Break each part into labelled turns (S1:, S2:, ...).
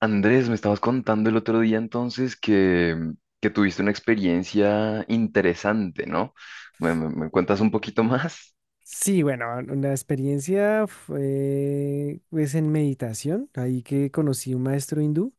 S1: Andrés, me estabas contando el otro día entonces que, que tuviste una experiencia interesante, ¿no? ¿Me cuentas un poquito más?
S2: Sí, bueno, la experiencia fue pues, en meditación, ahí que conocí un maestro hindú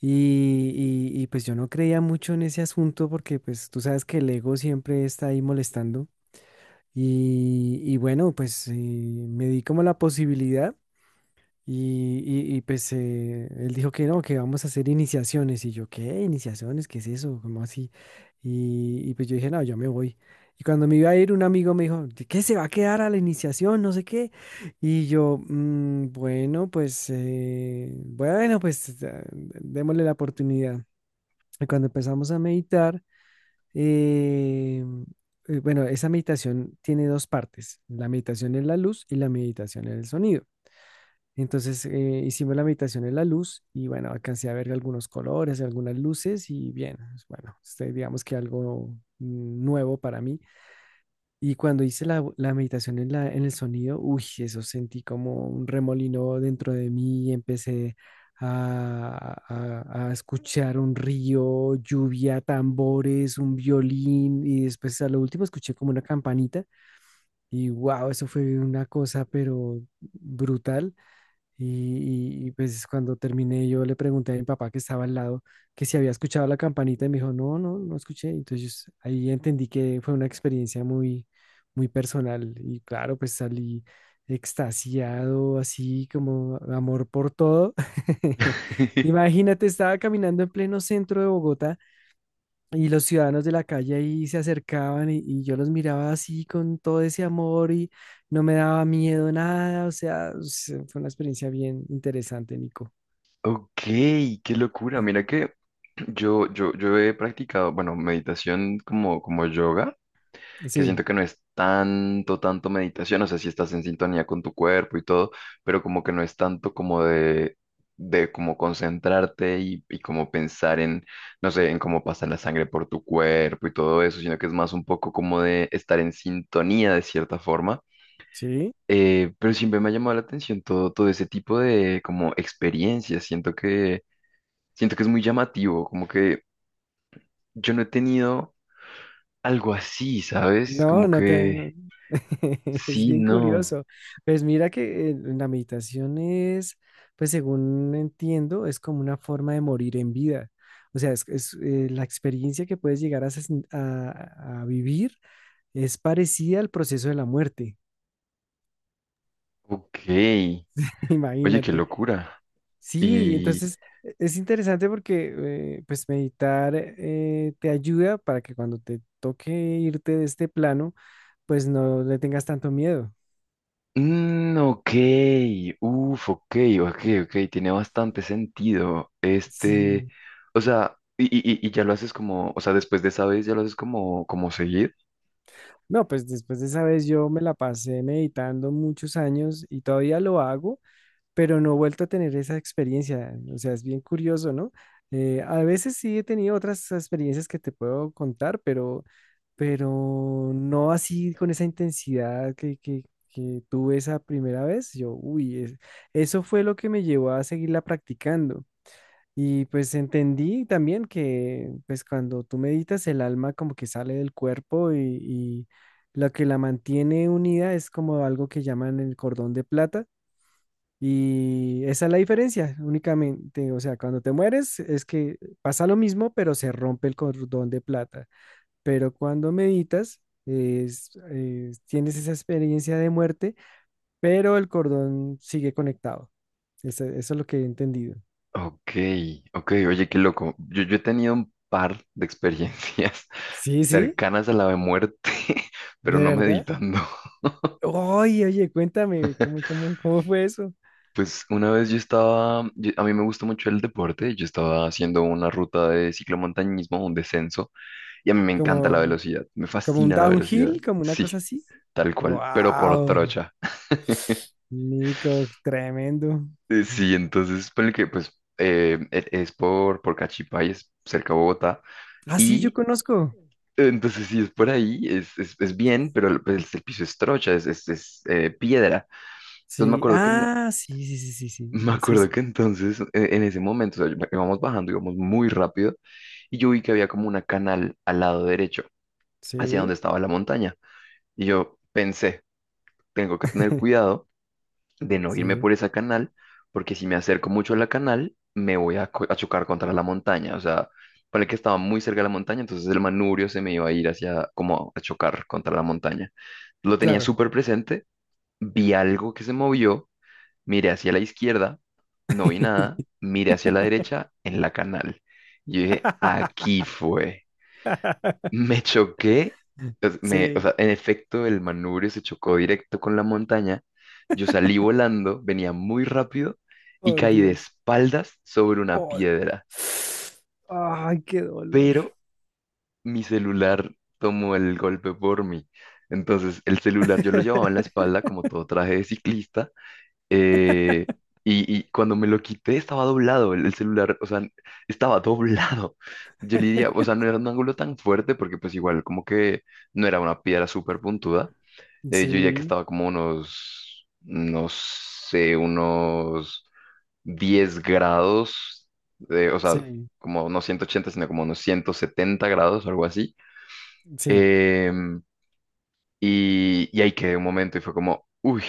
S2: y, y, pues yo no creía mucho en ese asunto porque pues tú sabes que el ego siempre está ahí molestando y bueno, pues me di como la posibilidad. Y, y, pues él dijo que no, que vamos a hacer iniciaciones. Y yo, ¿qué? ¿Iniciaciones? ¿Qué es eso? ¿Cómo así? Y pues yo dije, no, yo me voy. Y cuando me iba a ir, un amigo me dijo, "¿De ¿qué se va a quedar a la iniciación? No sé qué. Y yo, bueno, pues démosle la oportunidad. Y cuando empezamos a meditar, eh, bueno, esa meditación tiene dos partes, la meditación en la luz y la meditación en el sonido. Entonces hicimos la meditación en la luz y bueno, alcancé a ver algunos colores, algunas luces y bien, pues, bueno, este, digamos que algo nuevo para mí. Y cuando hice la meditación en en el sonido, uy, eso sentí como un remolino dentro de mí y empecé a escuchar un río, lluvia, tambores, un violín y después a lo último escuché como una campanita y wow, eso fue una cosa pero brutal. Y, pues cuando terminé yo le pregunté a mi papá que estaba al lado que si había escuchado la campanita y me dijo, no, no, no escuché. Entonces ahí entendí que fue una experiencia muy, muy personal y claro, pues salí extasiado, así como amor por todo. Imagínate, estaba caminando en pleno centro de Bogotá y los ciudadanos de la calle ahí se acercaban y yo los miraba así con todo ese amor y no me daba miedo nada. O sea, fue una experiencia bien interesante, Nico.
S1: Ok, qué locura. Mira que yo he practicado, bueno, meditación como, como yoga. Que
S2: Sí.
S1: siento que no es tanto, tanto meditación, o sea, si estás en sintonía con tu cuerpo y todo, pero como que no es tanto como de como concentrarte y como pensar no sé, en cómo pasa la sangre por tu cuerpo y todo eso, sino que es más un poco como de estar en sintonía de cierta forma.
S2: ¿Sí?
S1: Pero siempre me ha llamado la atención todo, todo ese tipo de como experiencias, siento que es muy llamativo, como que yo no he tenido algo así, ¿sabes?
S2: no,
S1: Como
S2: no te...
S1: que
S2: no- Es
S1: sí,
S2: bien
S1: no.
S2: curioso. Pues mira que la meditación es, pues según entiendo, es como una forma de morir en vida. O sea, es, la experiencia que puedes llegar a, sen- a vivir es parecida al proceso de la muerte.
S1: Ok, oye, qué
S2: Imagínate.
S1: locura.
S2: Sí,
S1: Y,
S2: entonces es interesante porque pues meditar te ayuda para que cuando te toque irte de este plano, pues no le tengas tanto miedo.
S1: ok, uff, ok, ok, ok, tiene bastante sentido. Este,
S2: Sí.
S1: o sea, y ya lo haces como, o sea, después de esa vez ya lo haces como, como seguir.
S2: No, pues después de esa vez yo me la pasé meditando muchos años y todavía lo hago, pero no he vuelto a tener esa experiencia. O sea, es bien curioso, ¿no? A veces sí he tenido otras experiencias que te puedo contar, pero no así con esa intensidad que tuve esa primera vez. Yo, uy, eso fue lo que me llevó a seguirla practicando. Y pues entendí también que pues cuando tú meditas el alma como que sale del cuerpo y lo que la mantiene unida es como algo que llaman el cordón de plata y esa es la diferencia, únicamente, o sea, cuando te mueres es que pasa lo mismo, pero se rompe el cordón de plata. Pero cuando meditas, tienes esa experiencia de muerte, pero el cordón sigue conectado. Eso es lo que he entendido.
S1: Ok, ok, oye, qué loco. Yo he tenido un par de experiencias
S2: Sí, sí,
S1: cercanas a la de muerte, pero
S2: de
S1: no
S2: verdad.
S1: meditando.
S2: Oye, oye, cuéntame, ¿cómo fue eso?
S1: Pues una vez yo estaba, a mí me gusta mucho el deporte, yo estaba haciendo una ruta de ciclomontañismo, un descenso. Y a mí me encanta la
S2: ¿Como,
S1: velocidad, me
S2: como un
S1: fascina la velocidad.
S2: downhill, como una
S1: Sí,
S2: cosa así?
S1: tal cual, pero por
S2: ¡Wow!
S1: trocha.
S2: Nico, tremendo.
S1: Sí, entonces, ponle que, pues, es por Cachipay, es cerca de Bogotá.
S2: Ah, sí, yo
S1: Y
S2: conozco.
S1: entonces, si es por ahí, es bien, pero el, pues, el piso es trocha, piedra. Entonces, me
S2: Sí,
S1: acuerdo que, en-
S2: ah, sí, sí, sí, sí, sí,
S1: me
S2: sí,
S1: acuerdo
S2: sí,
S1: que entonces, en ese momento, o sea, íbamos bajando, íbamos muy rápido, y yo vi que había como una canal al lado derecho, hacia
S2: sí,
S1: donde estaba la montaña. Y yo pensé, tengo que tener cuidado de no irme
S2: sí,
S1: por esa canal, porque si me acerco mucho a la canal, me voy a, co- a chocar contra la montaña. O sea, para el que estaba muy cerca de la montaña, entonces el manubrio se me iba a ir hacia, como a chocar contra la montaña. Lo tenía
S2: claro.
S1: súper presente, vi algo que se movió, miré hacia la izquierda, no vi nada, miré hacia la derecha en la canal. Yo dije, aquí fue. Me choqué, o
S2: Sí,
S1: sea, en efecto el manubrio se chocó directo con la montaña, yo salí volando, venía muy rápido y
S2: por
S1: caí de
S2: Dios.
S1: espaldas sobre una
S2: Oh,
S1: piedra,
S2: ay, qué dolor.
S1: pero mi celular tomó el golpe por mí. Entonces el celular yo lo llevaba en la espalda como todo traje de ciclista, eh, y cuando me lo quité estaba doblado el celular, o sea, estaba doblado. Yo le diría, o sea, no era un ángulo tan fuerte porque pues igual como que no era una piedra súper puntuda. Yo diría que
S2: Sí,
S1: estaba como unos, no sé, unos 10 grados, o sea,
S2: sí,
S1: como no 180 sino como unos 170 grados, algo así.
S2: sí.
S1: Em, y, y ahí quedé un momento y fue como, uy,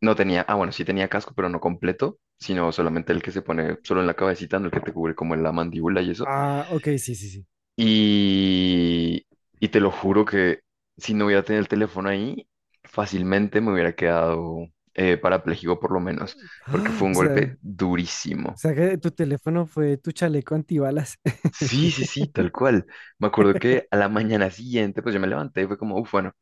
S1: no tenía, ah, bueno, sí tenía casco, pero no completo, sino solamente el que se pone solo en la cabecita, no el que te cubre como en la mandíbula y eso.
S2: Ah, ok, sí, sí, sí.
S1: Y, y te lo juro que si no hubiera tenido el teléfono ahí, fácilmente me hubiera quedado parapléjico por lo menos, porque fue
S2: Ah,
S1: un golpe
S2: o
S1: durísimo.
S2: sea que tu teléfono fue tu chaleco antibalas.
S1: Sí, sí, sí, tal cual. Me acuerdo que a la mañana siguiente, pues yo me levanté y fue como, uff, bueno.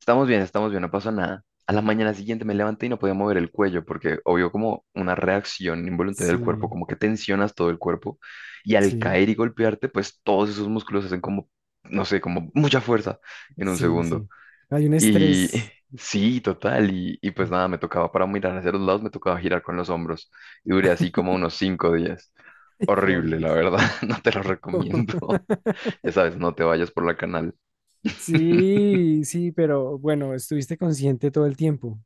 S1: Estamos bien, no pasó nada. A la mañana siguiente me levanté y no podía mover el cuello porque obvio como una reacción involuntaria del cuerpo,
S2: Sí,
S1: como que tensionas todo el cuerpo y al
S2: sí,
S1: caer y golpearte, pues todos esos músculos hacen como, no sé, como mucha fuerza en un
S2: sí,
S1: segundo.
S2: sí. Hay un
S1: Y
S2: estrés.
S1: sí, total, y pues nada, me tocaba para mirar hacia los lados, me tocaba girar con los hombros y duré así como unos 5 días.
S2: Ay, por
S1: Horrible, la
S2: Dios.
S1: verdad, no te lo recomiendo. Ya sabes, no te vayas por la canal.
S2: Sí, sí, pero bueno, estuviste consciente todo el tiempo.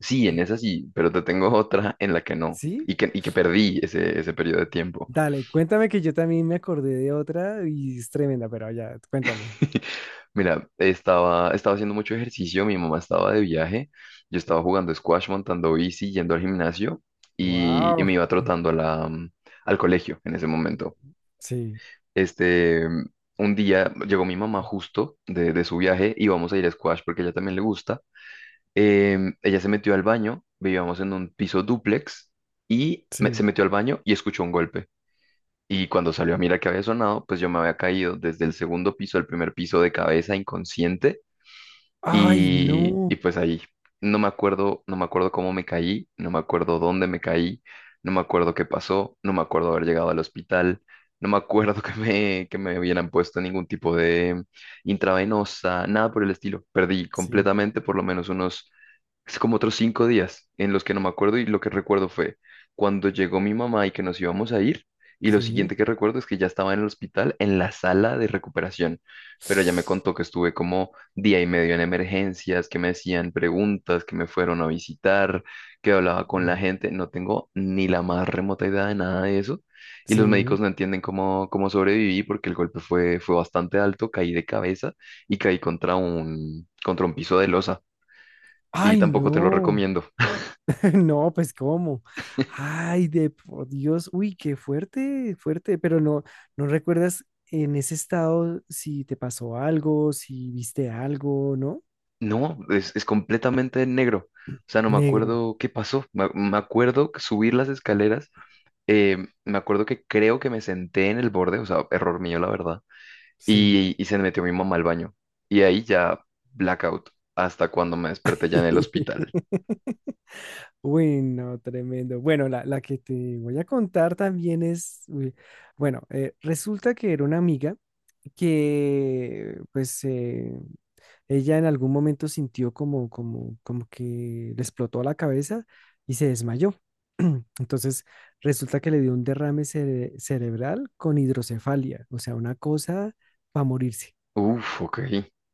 S1: Sí, en esa sí, pero te tengo otra en la que no,
S2: ¿Sí?
S1: y que perdí ese, ese periodo de tiempo.
S2: Dale, cuéntame que yo también me acordé de otra y es tremenda, pero ya, cuéntame.
S1: Mira, estaba, estaba haciendo mucho ejercicio, mi mamá estaba de viaje, yo estaba jugando squash, montando bici, yendo al gimnasio y
S2: Wow.
S1: me iba trotando a la, al colegio en ese momento.
S2: Sí,
S1: Este, un día llegó mi mamá justo de su viaje y vamos a ir a squash porque a ella también le gusta. Ella se metió al baño, vivíamos en un piso dúplex y
S2: sí.
S1: se metió al baño y escuchó un golpe. Y cuando salió a mirar que había sonado, pues yo me había caído desde el segundo piso al primer piso de cabeza inconsciente
S2: Ay,
S1: y
S2: no.
S1: pues ahí no me acuerdo, no me acuerdo cómo me caí, no me acuerdo dónde me caí, no me acuerdo qué pasó, no me acuerdo haber llegado al hospital, no me acuerdo que me hubieran puesto ningún tipo de intravenosa, nada por el estilo. Perdí
S2: sí,
S1: completamente por lo menos unos, es como otros 5 días en los que no me acuerdo y lo que recuerdo fue cuando llegó mi mamá y que nos íbamos a ir y lo
S2: sí.
S1: siguiente que recuerdo es que ya estaba en el hospital en la sala de recuperación, pero ella me contó que estuve como día y medio en emergencias, que me hacían preguntas, que me fueron a visitar, que hablaba con la
S2: Uh,
S1: gente, no tengo ni la más remota idea de nada de eso y los médicos
S2: sí.
S1: no entienden cómo, cómo sobreviví porque el golpe fue, fue bastante alto, caí de cabeza y caí contra un piso de losa. Y
S2: Ay,
S1: tampoco te lo
S2: no.
S1: recomiendo.
S2: No, pues cómo. Ay, de por Dios, uy, qué fuerte, fuerte, pero no, no recuerdas en ese estado si te pasó algo, si viste algo, ¿no?
S1: No, es completamente negro. O sea, no me
S2: Negro,
S1: acuerdo qué pasó. Me acuerdo que subir las escaleras. eh, Me acuerdo que creo que me senté en el borde, o sea, error mío, la verdad.
S2: sí.
S1: Y se metió mi mamá al baño. Y ahí ya blackout. Hasta cuando me desperté ya en el hospital.
S2: Uy, no, tremendo. Bueno, la que te voy a contar también es, uy, bueno, resulta que era una amiga que, pues, ella en algún momento sintió como que le explotó la cabeza y se desmayó. Entonces resulta que le dio un derrame cerebral con hidrocefalia, o sea, una cosa para morirse.
S1: Uf, ok.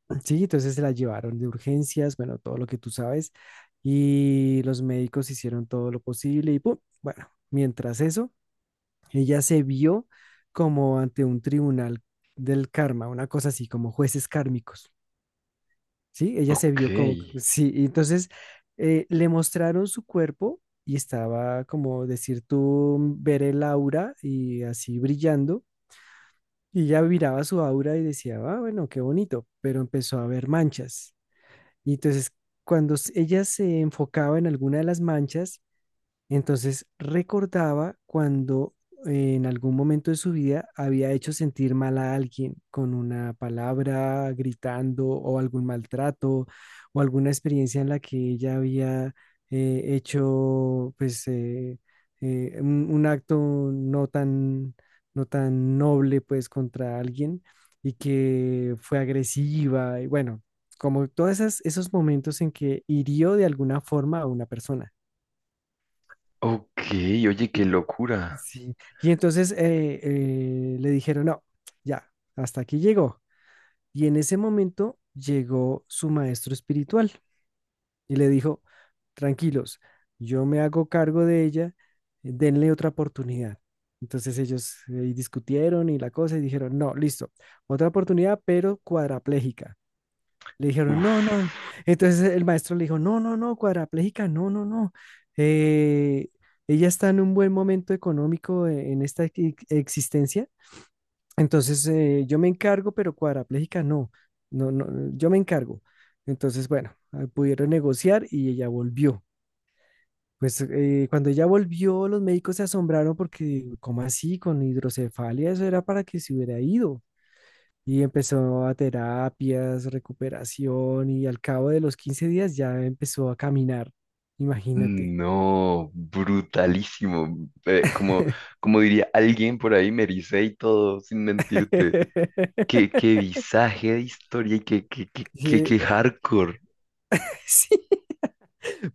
S2: Sí, entonces se la llevaron de urgencias, bueno, todo lo que tú sabes, y los médicos hicieron todo lo posible y ¡pum! Bueno, mientras eso, ella se vio como ante un tribunal del karma, una cosa así, como jueces kármicos. Sí, ella se
S1: Ok.
S2: vio como, sí, y entonces le mostraron su cuerpo y estaba como decir tú, ver el aura y así brillando. Y ella miraba su aura y decía, ah, bueno, qué bonito, pero empezó a ver manchas. Y entonces cuando ella se enfocaba en alguna de las manchas, entonces recordaba cuando en algún momento de su vida había hecho sentir mal a alguien con una palabra, gritando o algún maltrato o alguna experiencia en la que ella había hecho pues un acto no tan, no tan noble pues contra alguien y que fue agresiva y bueno, como todos esos momentos en que hirió de alguna forma a una persona.
S1: Ok. Oye, qué locura.
S2: Sí. Y entonces le dijeron, no, ya, hasta aquí llegó. Y en ese momento llegó su maestro espiritual y le dijo, tranquilos, yo me hago cargo de ella, denle otra oportunidad. Entonces ellos discutieron y la cosa y dijeron, no, listo, otra oportunidad, pero cuadraplégica. Le dijeron,
S1: Uf.
S2: no, no. Entonces el maestro le dijo, no, no, no, cuadrapléjica no, no, no. Eh, Ella está en un buen momento económico en esta existencia. Entonces yo me encargo, pero cuadrapléjica no. No, no, yo me encargo. Entonces, bueno, ah, pudieron negociar y ella volvió. Pues cuando ella volvió, los médicos se asombraron porque, ¿cómo así? Con hidrocefalia, eso era para que se hubiera ido. Y empezó a terapias, recuperación y al cabo de los 15 días ya empezó a caminar. Imagínate.
S1: No, brutalísimo. Como, como diría alguien por ahí, me ericé y todo, sin mentirte. Qué, qué visaje de historia y qué, qué, qué, qué,
S2: Sí,
S1: qué hardcore.
S2: sí,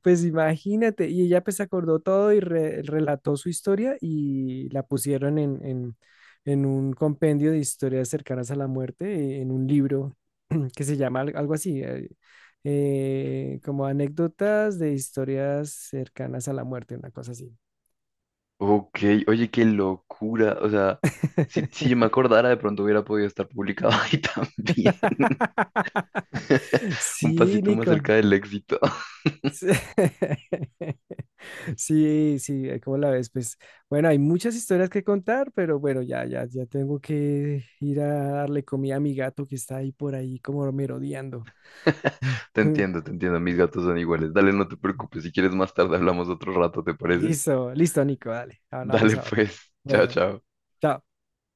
S2: pues imagínate. Y ella pues acordó todo y relató su historia y la pusieron en, un compendio de historias cercanas a la muerte, en un libro que se llama algo así, como anécdotas de historias cercanas a la muerte, una cosa así.
S1: Ok, oye, qué locura. O sea, si, si yo me acordara, de pronto hubiera podido estar publicado ahí también. Un
S2: Sí,
S1: pasito más
S2: Nico.
S1: cerca del éxito.
S2: Sí, sí, sí, ¿cómo la ves? Pues bueno, hay muchas historias que contar, pero bueno, ya, ya, ya tengo que ir a darle comida a mi gato que está ahí por ahí como merodeando.
S1: Te entiendo, te entiendo. Mis gatos son iguales. Dale, no te preocupes. Si quieres más tarde hablamos otro rato, ¿te parece?
S2: Listo, listo, Nico, dale, hablamos
S1: Dale,
S2: ahora.
S1: pues. Chao,
S2: Bueno,
S1: chao.
S2: chao.